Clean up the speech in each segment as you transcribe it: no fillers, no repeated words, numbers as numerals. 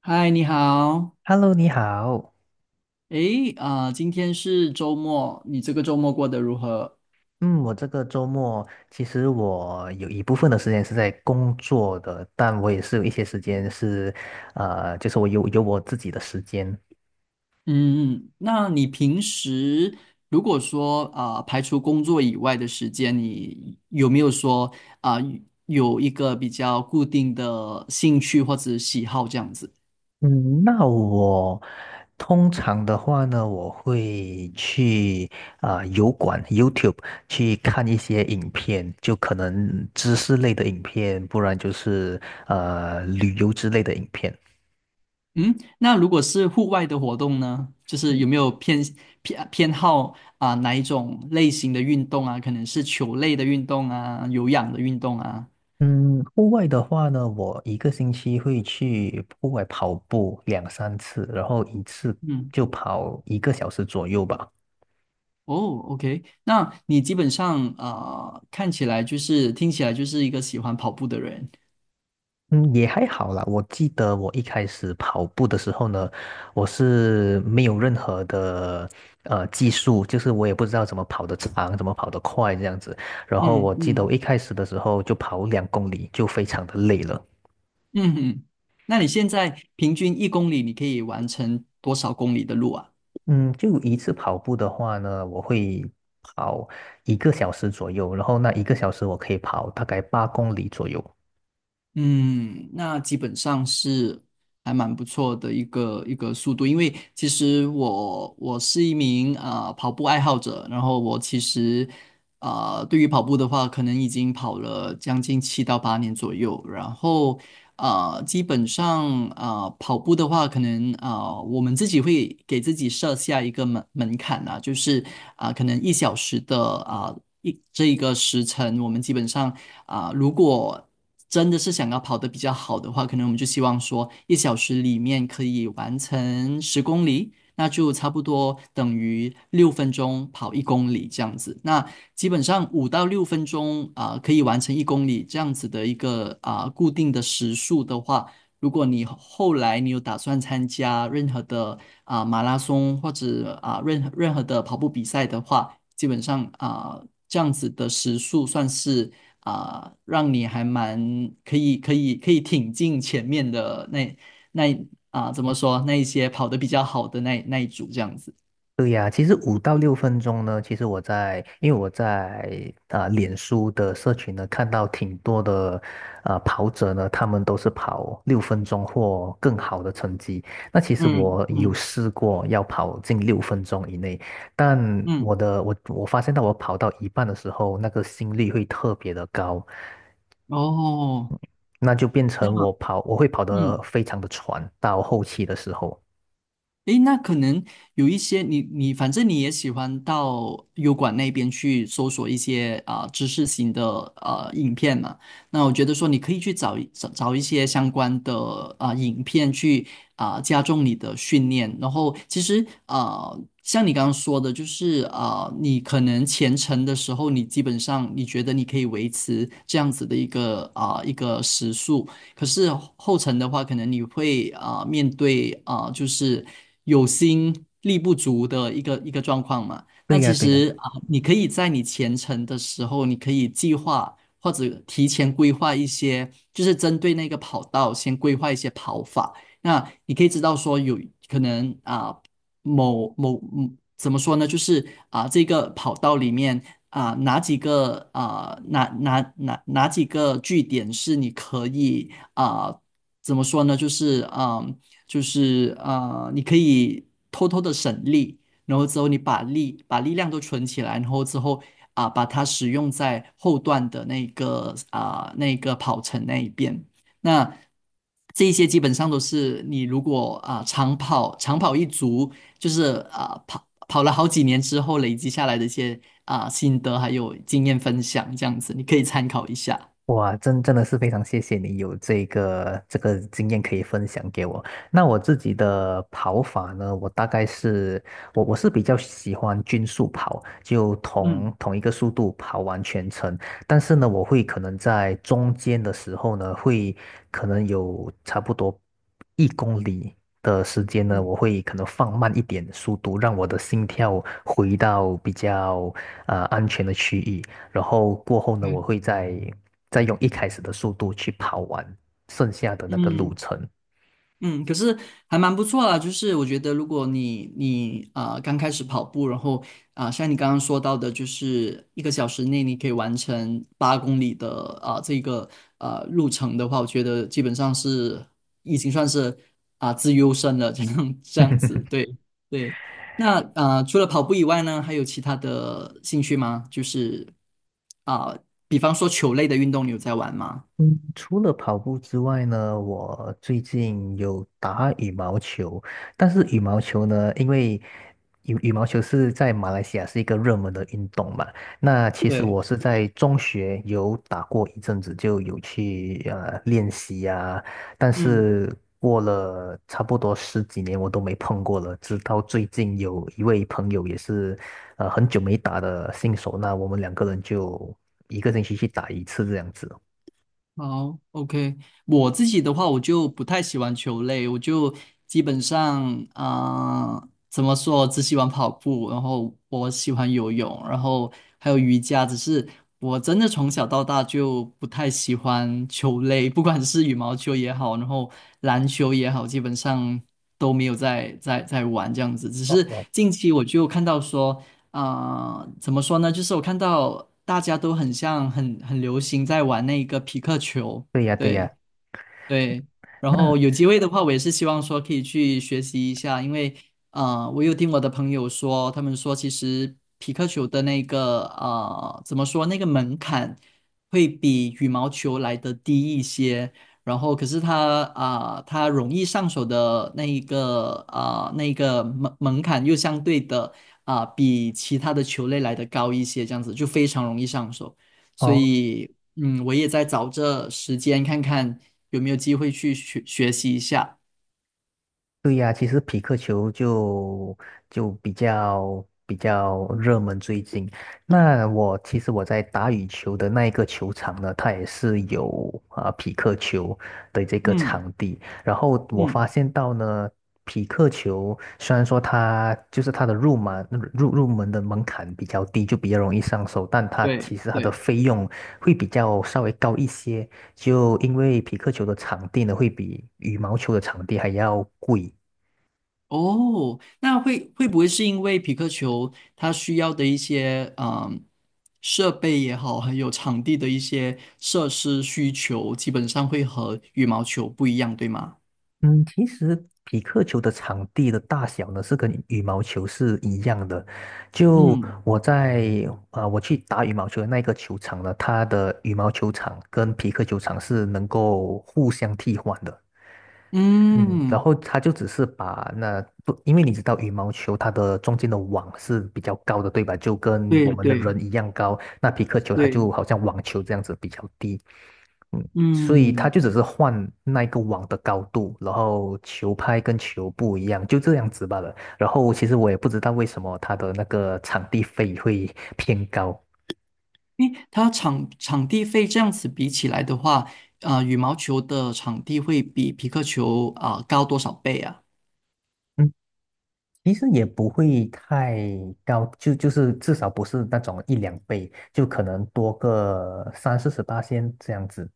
嗨，你好。Hello，你好。今天是周末，你这个周末过得如何？嗯，我这个周末其实我有一部分的时间是在工作的，但我也是有一些时间是，就是我有我自己的时间。嗯，那你平时如果说排除工作以外的时间，你有没有说啊、有一个比较固定的兴趣或者喜好这样子？嗯，那我通常的话呢，我会去油管 YouTube 去看一些影片，就可能知识类的影片，不然就是旅游之类的影片。嗯，那如果是户外的活动呢，就是有没有偏好哪一种类型的运动啊？可能是球类的运动啊，有氧的运动啊？嗯，户外的话呢，我一个星期会去户外跑步两三次，然后一次嗯。就跑一个小时左右吧。哦，OK,那你基本上看起来就是听起来就是一个喜欢跑步的人。嗯，也还好啦。我记得我一开始跑步的时候呢，我是没有任何的技术，就是我也不知道怎么跑得长，怎么跑得快这样子。然后嗯我记得我嗯。一开始的时候就跑2公里，就非常的累了。嗯嗯。那你现在平均一公里你可以完成多少公里的路啊？嗯，就一次跑步的话呢，我会跑一个小时左右，然后那一个小时我可以跑大概8公里左右。嗯，那基本上是还蛮不错的一个速度，因为其实我是一名跑步爱好者，然后我其实对于跑步的话，可能已经跑了将近7到8年左右，然后基本上跑步的话，可能我们自己会给自己设下一个门槛啊，就是可能一小时的一这一个时辰，我们基本上如果真的是想要跑得比较好的话，可能我们就希望说一小时里面可以完成10公里，那就差不多等于六分钟跑一公里这样子。那基本上5到6分钟可以完成一公里这样子的一个固定的时速的话，如果你后来你有打算参加任何的马拉松或者任何的跑步比赛的话，基本上这样子的时速算是让你还蛮可以挺进前面的那怎么说那一些跑得比较好的那一组这样子。对呀，其实5到6分钟呢，其实我在，因为我在脸书的社群呢，看到挺多的跑者呢，他们都是跑六分钟或更好的成绩。那其实嗯我有嗯试过要跑进六分钟以内，但我嗯，的我我发现到我跑到一半的时候，那个心率会特别的高。哦，那就变成我那跑，我会跑得嗯。非常的喘，到后期的时候。诶，那可能有一些你反正你也喜欢到油管那边去搜索一些知识型的影片嘛，那我觉得说你可以去找一找找一些相关的影片去加重你的训练，然后其实像你刚刚说的，就是你可能前程的时候，你基本上你觉得你可以维持这样子的一个一个时速。可是后程的话，可能你会面对就是有心力不足的一个状况嘛。那对呀，其对呀。实你可以在你前程的时候，你可以计划或者提前规划一些，就是针对那个跑道先规划一些跑法。那你可以知道说有可能某某怎么说呢？就是这个跑道里面哪几个哪几个据点是你可以啊、怎么说呢？就是你可以偷偷的省力，然后之后你把力量都存起来，然后之后把它使用在后段的那个那个跑程那一边。那这一些基本上都是你如果长跑一族，就是跑了好几年之后累积下来的一些心得还有经验分享这样子，你可以参考一下。哇，真的是非常谢谢你有这个经验可以分享给我。那我自己的跑法呢，我大概是我是比较喜欢均速跑，就嗯同一个速度跑完全程。但是呢，我会可能在中间的时候呢，会可能有差不多1公里的时间呢，我会可能放慢一点速度，让我的心跳回到比较安全的区域。然后过后呢，我嗯会再用一开始的速度去跑完剩下的那个路嗯，程。嗯，可是还蛮不错啦。就是我觉得，如果你刚开始跑步，然后像你刚刚说到的，就是一个小时内你可以完成8公里的这个路程的话，我觉得基本上是已经算是自优身了，这样这样 子。对对。那除了跑步以外呢，还有其他的兴趣吗？就是啊、比方说球类的运动，你有在玩吗？嗯，除了跑步之外呢，我最近有打羽毛球，但是羽毛球呢，因为羽毛球是在马来西亚是一个热门的运动嘛，那其实对，我是在中学有打过一阵子，就有去练习呀，但嗯。是过了差不多十几年我都没碰过了，直到最近有一位朋友也是很久没打的新手，那我们两个人就一个星期去打一次这样子。好，OK,我自己的话，我就不太喜欢球类，我就基本上，怎么说，只喜欢跑步，然后我喜欢游泳，然后还有瑜伽，只是我真的从小到大就不太喜欢球类，不管是羽毛球也好，然后篮球也好，基本上都没有在玩这样子。只是近期我就看到说。怎么说呢？就是我看到大家都很像很流行在玩那个皮克球，对呀，对对，呀，对，然那后有机会的话，我也是希望说可以去学习一下，因为我有听我的朋友说，他们说其实皮克球的那个怎么说那个门槛会比羽毛球来的低一些，然后可是它它容易上手的那一个那个门槛又相对的比其他的球类来的高一些，这样子就非常容易上手。所哦，以，嗯，我也在找这时间看看有没有机会去学习一下。对呀，其实匹克球就比较热门最近。那我其实我在打羽球的那一个球场呢，它也是有匹克球的这个嗯场地。然后我发嗯，现到呢，匹克球虽然说它就是它的入门入门的门槛比较低，就比较容易上手，但它对其实它的对。费用会比较稍微高一些。就因为匹克球的场地呢，会比羽毛球的场地还要贵。哦，那会不会是因为皮克球它需要的一些设备也好，还有场地的一些设施需求，基本上会和羽毛球不一样，对吗？嗯，其实匹克球的场地的大小呢，是跟羽毛球是一样的。就嗯我在我去打羽毛球的那个球场呢，它的羽毛球场跟匹克球场是能够互相替换的。嗯，然嗯，后他就只是把那不，因为你知道羽毛球它的中间的网是比较高的，对吧？就跟对我们的对人一样高。那皮克球它就对，好像网球这样子比较低，嗯，所以他嗯。就只是换那一个网的高度，然后球拍跟球不一样，就这样子罢了。然后其实我也不知道为什么它的那个场地费会偏高。因为它场地费这样子比起来的话，羽毛球的场地会比皮克球高多少倍啊嗯。其实也不会太高，就是至少不是那种一两倍，就可能多个三四十八仙这样子。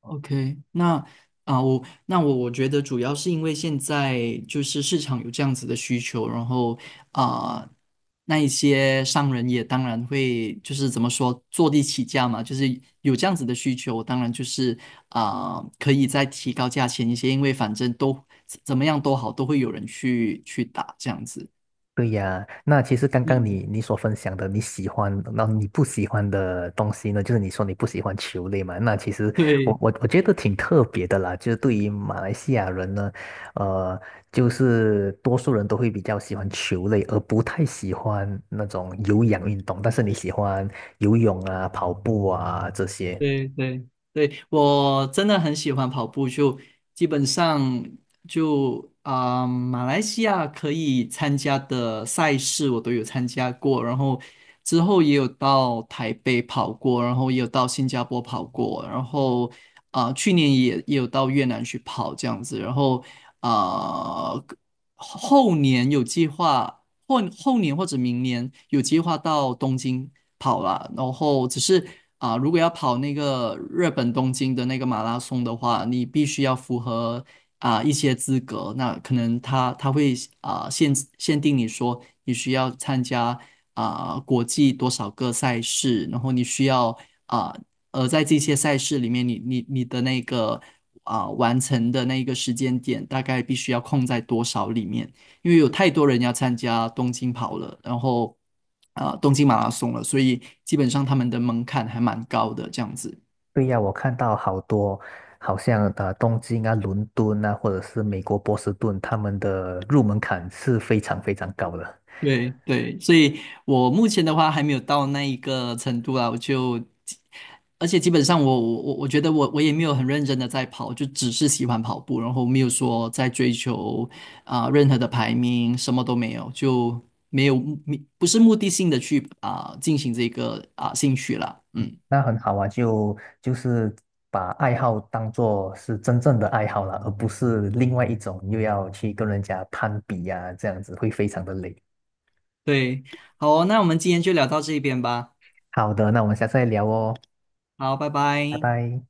？OK,那我那我觉得主要是因为现在就是市场有这样子的需求，然后啊、那一些商人也当然会就是怎么说坐地起价嘛，就是有这样子的需求，当然就是可以再提高价钱一些，因为反正都怎么样都好，都会有人去打这样子。对呀，那其实刚刚嗯，你所分享的你喜欢，那你不喜欢的东西呢，就是你说你不喜欢球类嘛，那其实我对我我觉得挺特别的啦，就是对于马来西亚人呢，呃，就是多数人都会比较喜欢球类，而不太喜欢那种有氧运动，但是你喜欢游泳啊、跑步啊这些。对对对，我真的很喜欢跑步，就基本上就马来西亚可以参加的赛事我都有参加过，然后之后也有到台北跑过，然后也有到新加坡跑过，然后去年也有到越南去跑这样子，然后啊、后年有计划，后后年或者明年有计划到东京跑了，然后只是如果要跑那个日本东京的那个马拉松的话，你必须要符合一些资格。那可能他会限定你说你需要参加国际多少个赛事，然后你需要啊、在这些赛事里面你的那个完成的那个时间点大概必须要控在多少里面？因为有太多人要参加东京跑了，然后东京马拉松了，所以基本上他们的门槛还蛮高的这样子。对呀，我看到好多，好像啊东京啊、伦敦啊，或者是美国波士顿，他们的入门槛是非常非常高的。对对，所以我目前的话还没有到那一个程度啊，我就，而且基本上我觉得我也没有很认真的在跑，就只是喜欢跑步，然后没有说在追求任何的排名，什么都没有，就没有目不是目的性的去进行这个兴趣啦，嗯。那很好啊，就是把爱好当做是真正的爱好了，而不是另外一种又要去跟人家攀比呀、这样子会非常的累。对，好哦那我们今天就聊到这边吧。好的，那我们下次再聊哦，好，拜拜拜。拜。